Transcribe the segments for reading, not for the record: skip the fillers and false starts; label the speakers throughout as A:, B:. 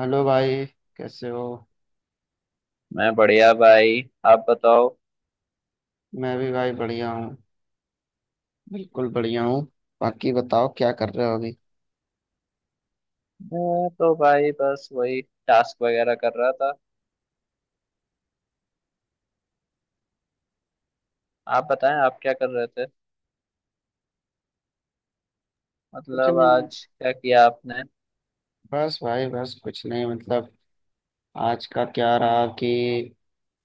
A: Hello भाई, कैसे हो।
B: मैं बढ़िया भाई। आप बताओ।
A: मैं भी भाई बढ़िया हूँ। बिल्कुल बढ़िया हूँ। बाकी बताओ क्या कर रहे हो अभी।
B: मैं तो भाई बस वही टास्क वगैरह कर रहा था। आप बताएं आप क्या कर रहे थे,
A: कुछ
B: मतलब
A: नहीं,
B: आज क्या किया आपने।
A: बस भाई बस कुछ नहीं। मतलब आज का क्या रहा कि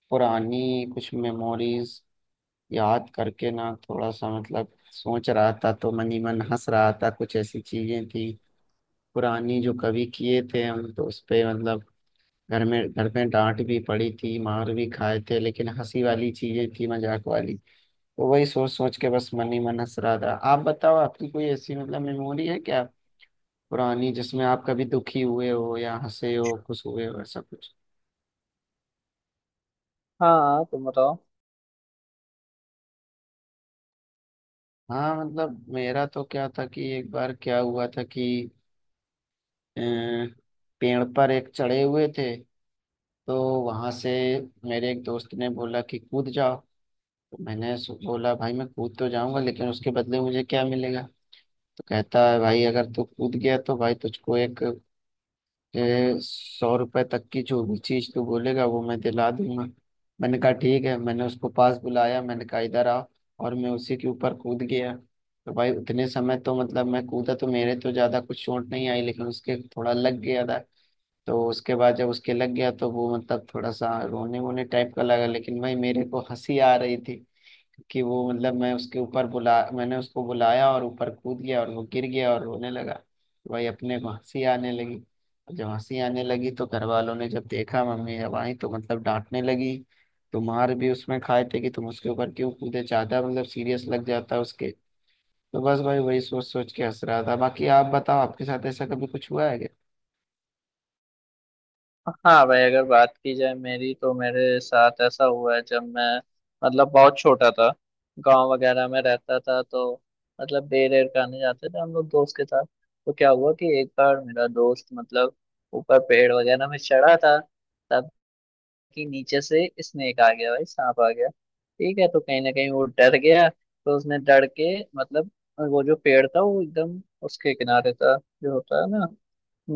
A: पुरानी कुछ मेमोरीज याद करके ना थोड़ा सा, मतलब सोच रहा था तो मन ही मन हंस रहा था। कुछ ऐसी चीजें थी पुरानी जो कभी किए थे हम, तो उस पे मतलब घर में डांट भी पड़ी थी, मार भी खाए थे, लेकिन हंसी वाली चीजें थी, मजाक वाली। तो वही सोच सोच के बस मन ही मन हंस रहा था। आप बताओ, आपकी कोई ऐसी मतलब मेमोरी है क्या पुरानी जिसमें आप कभी दुखी हुए हो या हंसे हो, खुश हुए हो, ऐसा कुछ।
B: हाँ, तुम बताओ।
A: हाँ, मतलब मेरा तो क्या था कि एक बार क्या हुआ था कि अ, पेड़ पर एक चढ़े हुए थे। तो वहां से मेरे एक दोस्त ने बोला कि कूद जाओ। तो मैंने बोला भाई मैं कूद तो जाऊंगा, लेकिन उसके बदले मुझे क्या मिलेगा। तो कहता है भाई अगर तू कूद गया तो भाई तुझको एक 100 रुपए तक की जो भी चीज तू बोलेगा वो मैं दिला दूंगा। मैंने कहा ठीक है, मैंने उसको पास बुलाया, मैंने कहा इधर आ, और मैं उसी के ऊपर कूद गया। तो भाई उतने समय तो मतलब मैं कूदा तो मेरे तो ज्यादा कुछ चोट नहीं आई, लेकिन उसके थोड़ा लग गया था। तो उसके बाद जब उसके लग गया तो वो मतलब थोड़ा सा रोने वोने टाइप का लगा, लेकिन भाई मेरे को हंसी आ रही थी कि वो मतलब मैं उसके ऊपर बुला, मैंने उसको बुलाया और ऊपर कूद गया और वो गिर गया और रोने लगा। भाई अपने को हंसी आने लगी। जब हंसी आने लगी तो घर वालों ने जब देखा, मम्मी जब आई तो मतलब डांटने लगी। तो मार भी उसमें खाए थे कि तुम उसके ऊपर क्यों कूदे, ज्यादा मतलब सीरियस लग जाता उसके। तो बस भाई वही सोच सोच के हंस रहा था। बाकी आप बताओ आपके साथ ऐसा कभी कुछ हुआ है क्या।
B: हाँ भाई, अगर बात की जाए मेरी तो मेरे साथ ऐसा हुआ है जब मैं मतलब बहुत छोटा था, गांव वगैरह में रहता था। तो मतलब बेर एर खाने जाते थे हम लोग दोस्त के साथ। तो क्या हुआ कि एक बार मेरा दोस्त मतलब ऊपर पेड़ वगैरह में चढ़ा था, तब कि नीचे से स्नेक आ गया, भाई सांप आ गया। ठीक है, तो कहीं ना कहीं वो डर गया, तो उसने डर के मतलब वो जो पेड़ था वो एकदम उसके किनारे था, जो होता है ना,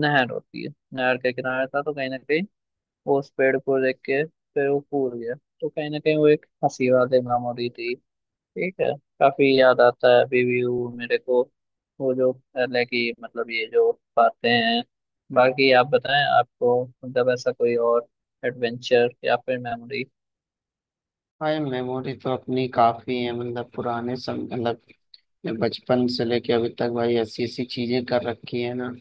B: नहर होती है, नहर के किनारे था। तो कहीं ना कहीं वो उस पेड़ को देख के फिर वो कूद गया। तो कहीं ना कहीं वो एक हंसी वाली मेमोरी थी। ठीक है, काफी याद आता है अभी भी वो मेरे को, वो जो पहले की मतलब ये जो बातें हैं। बाकी आप बताएं, आपको मतलब ऐसा कोई और एडवेंचर या फिर मेमोरी।
A: भाई मेमोरी तो अपनी काफी है, मतलब पुराने सम, मतलब बचपन से लेके अभी तक भाई ऐसी ऐसी चीजें कर रखी है ना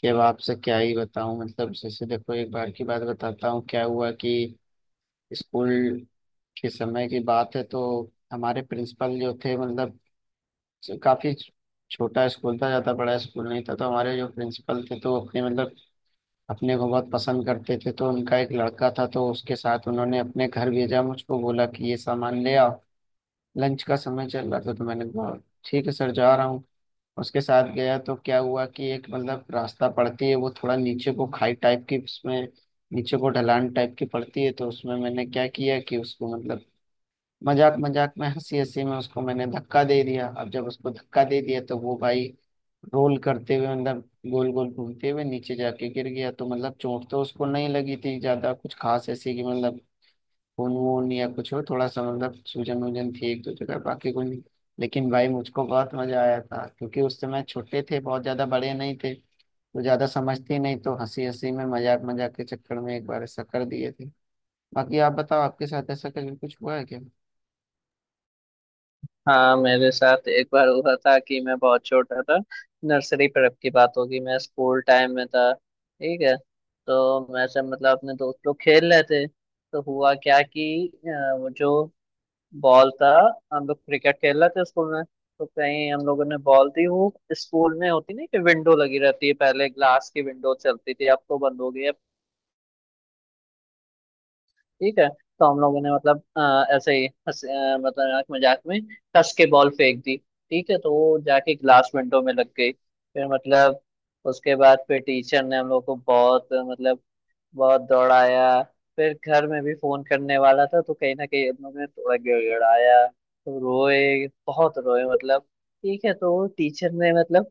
A: कि अब आपसे क्या ही बताऊं। मतलब जैसे देखो एक बार की बात बताता हूँ, क्या हुआ कि स्कूल के समय की बात है तो हमारे प्रिंसिपल जो थे मतलब, काफी छोटा स्कूल था, ज्यादा बड़ा स्कूल नहीं था, तो हमारे जो प्रिंसिपल थे तो अपने मतलब अपने को बहुत पसंद करते थे। तो उनका एक लड़का था तो उसके साथ उन्होंने अपने घर भेजा, मुझको बोला कि ये सामान ले आओ। लंच का समय चल रहा था, तो मैंने कहा ठीक है सर, जा रहा हूँ। उसके साथ गया तो क्या हुआ कि एक मतलब रास्ता पड़ती है वो थोड़ा नीचे को, खाई टाइप की, उसमें नीचे को ढलान टाइप की पड़ती है। तो उसमें मैंने क्या किया कि उसको मतलब मजाक मजाक में, हंसी हंसी में उसको मैंने धक्का दे दिया। अब जब उसको धक्का दे दिया तो वो भाई रोल करते हुए, मतलब गोल गोल घूमते हुए नीचे जाके गिर गया। तो मतलब चोट तो उसको नहीं लगी थी ज्यादा कुछ खास ऐसी कि मतलब खून वून या कुछ हो, थोड़ा सा मतलब सूजन वूजन थी एक दो जगह, बाकी कुछ नहीं। लेकिन भाई मुझको बहुत मजा आया था क्योंकि उस समय छोटे थे, बहुत ज्यादा बड़े नहीं थे तो ज्यादा समझते ही नहीं, तो हंसी हंसी में मजाक मजाक के चक्कर में एक बार ऐसा कर दिए थे। बाकी आप बताओ आपके साथ ऐसा कभी कुछ हुआ है क्या।
B: हाँ, मेरे साथ एक बार हुआ था कि मैं बहुत छोटा था, नर्सरी प्रेप की बात होगी, मैं स्कूल टाइम में था। ठीक है, तो मैं सब मतलब अपने दोस्त लोग खेल रहे थे। तो हुआ क्या कि वो जो बॉल था, हम लोग क्रिकेट खेल रहे थे स्कूल में। तो कहीं हम लोगों ने बॉल दी, वो स्कूल में होती नहीं कि विंडो लगी रहती है, पहले ग्लास की विंडो चलती थी अब तो बंद हो गई है। ठीक है, तो हम लोगों ने मतलब ऐसे ही हंस मतलब मजाक मजाक में कस के बॉल फेंक दी। ठीक है, तो वो जाके ग्लास विंडो में लग गई। फिर मतलब उसके बाद फिर टीचर ने हम लोग को बहुत मतलब बहुत दौड़ाया। फिर घर में भी फोन करने वाला था, तो कहीं ना कहीं हम लोग ने थोड़ा गिड़गिड़ाया, तो रोए बहुत रोए मतलब। ठीक है, तो टीचर ने मतलब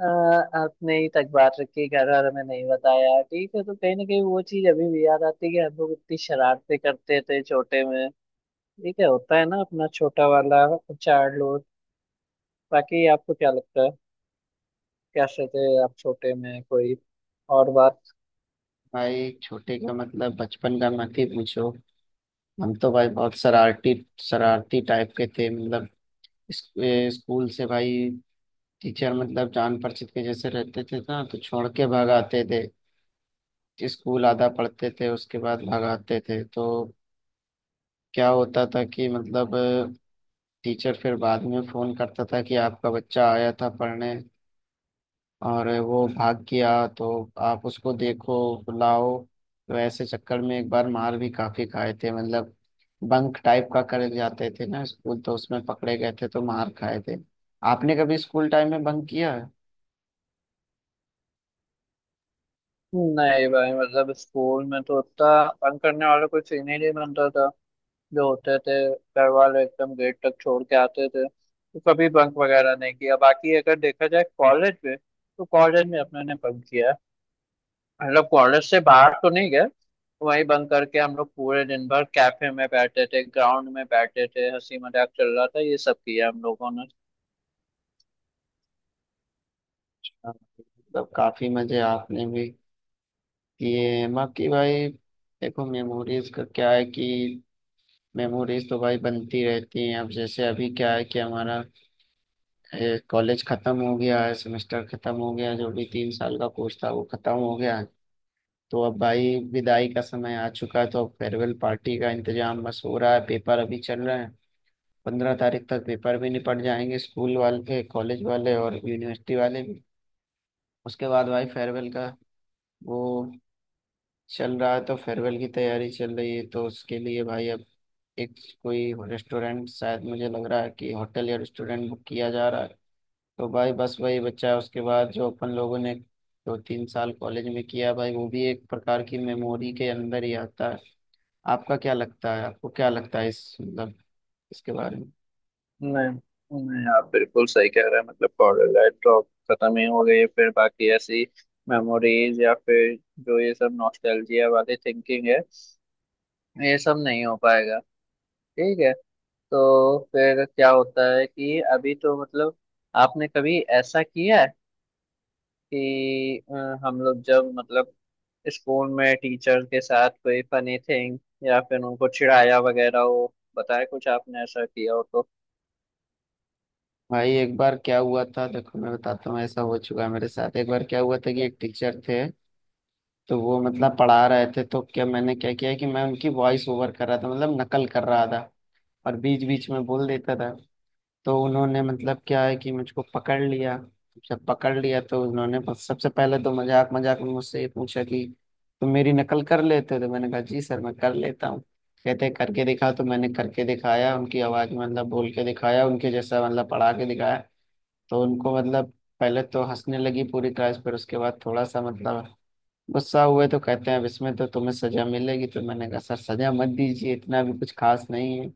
B: अ, अपने ही तक बात रखी, घर वालों में नहीं बताया। ठीक है, तो कहीं ना कहीं वो चीज अभी भी याद आती है कि हम लोग इतनी शरारतें करते थे छोटे में। ठीक है, होता है ना अपना छोटा वाला चाइल्डहुड। बाकी आपको क्या लगता है, कैसे थे आप छोटे में, कोई और बात।
A: भाई छोटे का मतलब बचपन का मत ही पूछो। हम तो भाई बहुत शरारती, शरारती टाइप के थे। मतलब स्कूल से भाई टीचर मतलब जान परिचित के जैसे रहते थे ना, तो छोड़ के भाग आते थे। स्कूल आधा पढ़ते थे उसके बाद भगाते थे। तो क्या होता था कि मतलब टीचर फिर बाद में फोन करता था कि आपका बच्चा आया था पढ़ने और वो भाग गया, तो आप उसको देखो, बुलाओ। तो ऐसे चक्कर में एक बार मार भी काफी खाए थे। मतलब बंक टाइप का कर जाते थे ना स्कूल, तो उसमें पकड़े गए थे तो मार खाए थे। आपने कभी स्कूल टाइम में बंक किया है।
B: नहीं भाई, मतलब स्कूल में तो उतना तंग करने वाला कोई सीन ही नहीं बनता था। जो होते थे घर वाले एकदम गेट तक छोड़ के आते थे, तो कभी बंक वगैरह नहीं किया। बाकी अगर देखा जाए कॉलेज में, तो कॉलेज में अपने ने बंक किया है। मतलब कॉलेज से बाहर तो नहीं गए, वही बंक करके हम लोग पूरे दिन भर कैफे में बैठे थे, ग्राउंड में बैठे थे, हंसी मजाक चल रहा था, ये सब किया हम लोगों।
A: मतलब काफी मजे आपने भी किए हैं। बाकी भाई देखो, मेमोरीज का क्या है कि मेमोरीज तो भाई बनती रहती हैं। अब जैसे अभी क्या है कि हमारा कॉलेज खत्म हो गया है, सेमेस्टर खत्म हो गया, जो भी 3 साल का कोर्स था वो खत्म हो गया है। तो अब भाई विदाई का समय आ चुका है, तो अब फेयरवेल पार्टी का इंतजाम बस हो रहा है। पेपर अभी चल रहे हैं, 15 तारीख तक पेपर भी निपट जाएंगे, स्कूल वाले, कॉलेज वाले और यूनिवर्सिटी वाले भी। उसके बाद भाई फेयरवेल का वो चल रहा है, तो फेयरवेल की तैयारी चल रही है। तो उसके लिए भाई अब एक कोई रेस्टोरेंट, शायद मुझे लग रहा है कि होटल या रेस्टोरेंट बुक किया जा रहा है। तो भाई बस वही बच्चा, उसके बाद जो अपन लोगों ने 2 3 साल कॉलेज में किया भाई, वो भी एक प्रकार की मेमोरी के अंदर ही आता है। आपका क्या लगता है, आपको क्या लगता है इस मतलब इसके बारे में।
B: नहीं, नहीं, आप बिल्कुल सही कह रहे हैं। मतलब पाउडर लाइट ड्रॉप खत्म ही हो गई है। फिर बाकी ऐसी मेमोरीज या फिर जो ये सब नॉस्टैल्जिया वाली थिंकिंग है, ये सब नहीं हो पाएगा। ठीक है, तो फिर क्या होता है कि अभी तो मतलब, आपने कभी ऐसा किया है कि हम लोग जब मतलब स्कूल में टीचर के साथ कोई फनी थिंग या फिर उनको चिढ़ाया वगैरह हो, बताया कुछ आपने ऐसा किया हो तो।
A: भाई एक बार क्या हुआ था, देखो मैं बताता हूँ, ऐसा हो चुका है मेरे साथ। एक बार क्या हुआ था कि एक टीचर थे, तो वो मतलब पढ़ा रहे थे। तो क्या मैंने क्या किया कि मैं उनकी वॉइस ओवर कर रहा था, मतलब नकल कर रहा था, और बीच बीच में बोल देता था। तो उन्होंने मतलब क्या है कि मुझको पकड़ लिया। जब पकड़ लिया तो उन्होंने सबसे पहले तो मजाक मजाक में मुझसे ये पूछा कि तुम मेरी नकल कर लेते हो। तो मैंने कहा जी सर मैं कर लेता हूँ। कहते करके दिखा, तो मैंने करके दिखाया उनकी आवाज में, मतलब बोल के दिखाया उनके जैसा, मतलब पढ़ा के दिखाया। तो उनको मतलब पहले तो हंसने लगी पूरी क्लास, पर उसके बाद थोड़ा सा मतलब गुस्सा हुए। तो कहते हैं अब इसमें तो तुम्हें सजा मिलेगी। तो मैंने कहा सर सजा मत दीजिए, इतना भी कुछ खास नहीं है।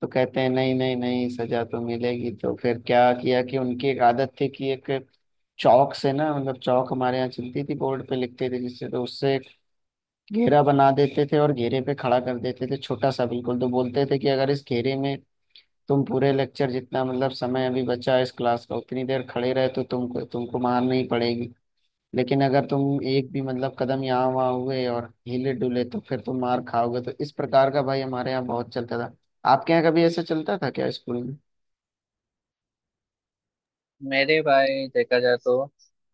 A: तो कहते हैं नहीं नहीं नहीं, सजा तो मिलेगी। तो फिर क्या किया कि उनकी एक आदत थी कि एक चौक से ना, मतलब चौक हमारे यहाँ चलती थी, बोर्ड पे लिखते थे जिससे, तो उससे एक घेरा बना देते थे और घेरे पे खड़ा कर देते थे छोटा सा बिल्कुल। तो बोलते थे कि अगर इस घेरे में तुम पूरे लेक्चर जितना मतलब समय अभी बचा है इस क्लास का उतनी देर खड़े रहे तो तुमको तुमको मार नहीं पड़ेगी, लेकिन अगर तुम एक भी मतलब कदम यहाँ वहाँ हुए और हिले डुले तो फिर तुम मार खाओगे। तो इस प्रकार का भाई हमारे यहाँ बहुत चलता था। आपके यहाँ कभी ऐसा चलता था क्या स्कूल में।
B: मेरे भाई देखा जाए तो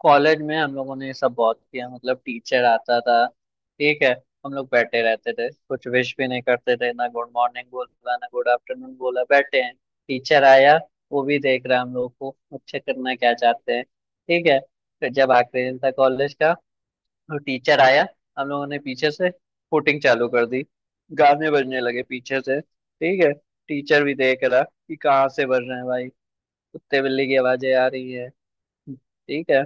B: कॉलेज में हम लोगों ने ये सब बहुत किया। मतलब टीचर आता था, ठीक है, हम लोग बैठे रहते थे, कुछ विश भी नहीं करते थे, ना गुड मॉर्निंग बोला ना गुड आफ्टरनून बोला, बैठे हैं। टीचर आया, वो भी देख रहा है हम लोग को, अच्छा करना क्या चाहते हैं। ठीक है, फिर जब आखिरी दिन था कॉलेज का, तो टीचर आया, हम लोगों ने पीछे से फुटिंग चालू कर दी, गाने बजने लगे पीछे से। ठीक है, टीचर भी देख रहा कि कहाँ से बज रहे हैं भाई, कुत्ते बिल्ली की आवाजें आ रही है। ठीक है,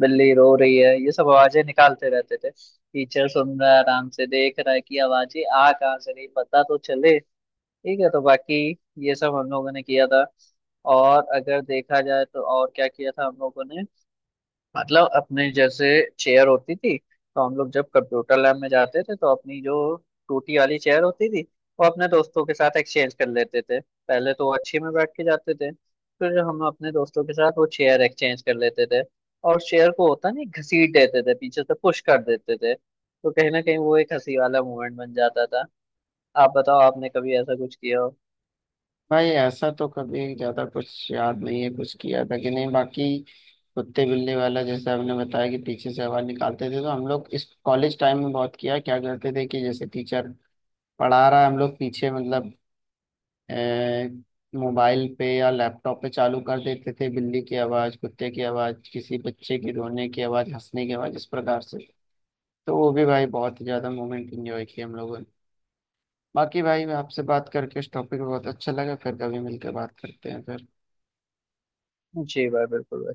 B: बिल्ली रो रही है, ये सब आवाजें निकालते रहते थे, टीचर सुन रहा है, आराम से देख रहा है कि आवाजें आ कहाँ से रही, पता तो चले। ठीक है, तो बाकी ये सब हम लोगों ने किया था। और अगर देखा जाए तो और क्या किया था हम लोगों ने, मतलब अपने जैसे चेयर होती थी, तो हम लोग जब कंप्यूटर लैब में जाते थे तो अपनी जो टूटी वाली चेयर होती थी, वो अपने दोस्तों के साथ एक्सचेंज कर लेते थे। पहले तो वो अच्छी में बैठ के जाते थे, फिर हम अपने दोस्तों के साथ वो चेयर एक्सचेंज कर लेते थे और चेयर को होता नहीं घसीट देते थे, पीछे से पुश कर देते थे, तो कहीं ना कहीं वो एक हंसी वाला मोमेंट बन जाता था। आप बताओ आपने कभी ऐसा कुछ किया हो।
A: भाई ऐसा तो कभी ज्यादा कुछ याद नहीं है, कुछ किया था कि नहीं। बाकी कुत्ते बिल्ली वाला जैसे आपने बताया कि पीछे से आवाज निकालते थे, तो हम लोग इस कॉलेज टाइम में बहुत किया। क्या करते थे कि जैसे टीचर पढ़ा रहा है, हम लोग पीछे मतलब मोबाइल पे या लैपटॉप पे चालू कर देते थे बिल्ली की आवाज, कुत्ते की आवाज, किसी बच्चे की रोने की आवाज, हंसने की आवाज, इस प्रकार से। तो वो भी भाई बहुत ही ज्यादा मोमेंट इंजॉय किए हम लोगों ने। बाकी भाई आपसे बात करके इस टॉपिक पे बहुत अच्छा लगा, फिर कभी मिलकर बात करते हैं फिर।
B: जी भाई, बिल्कुल भाई।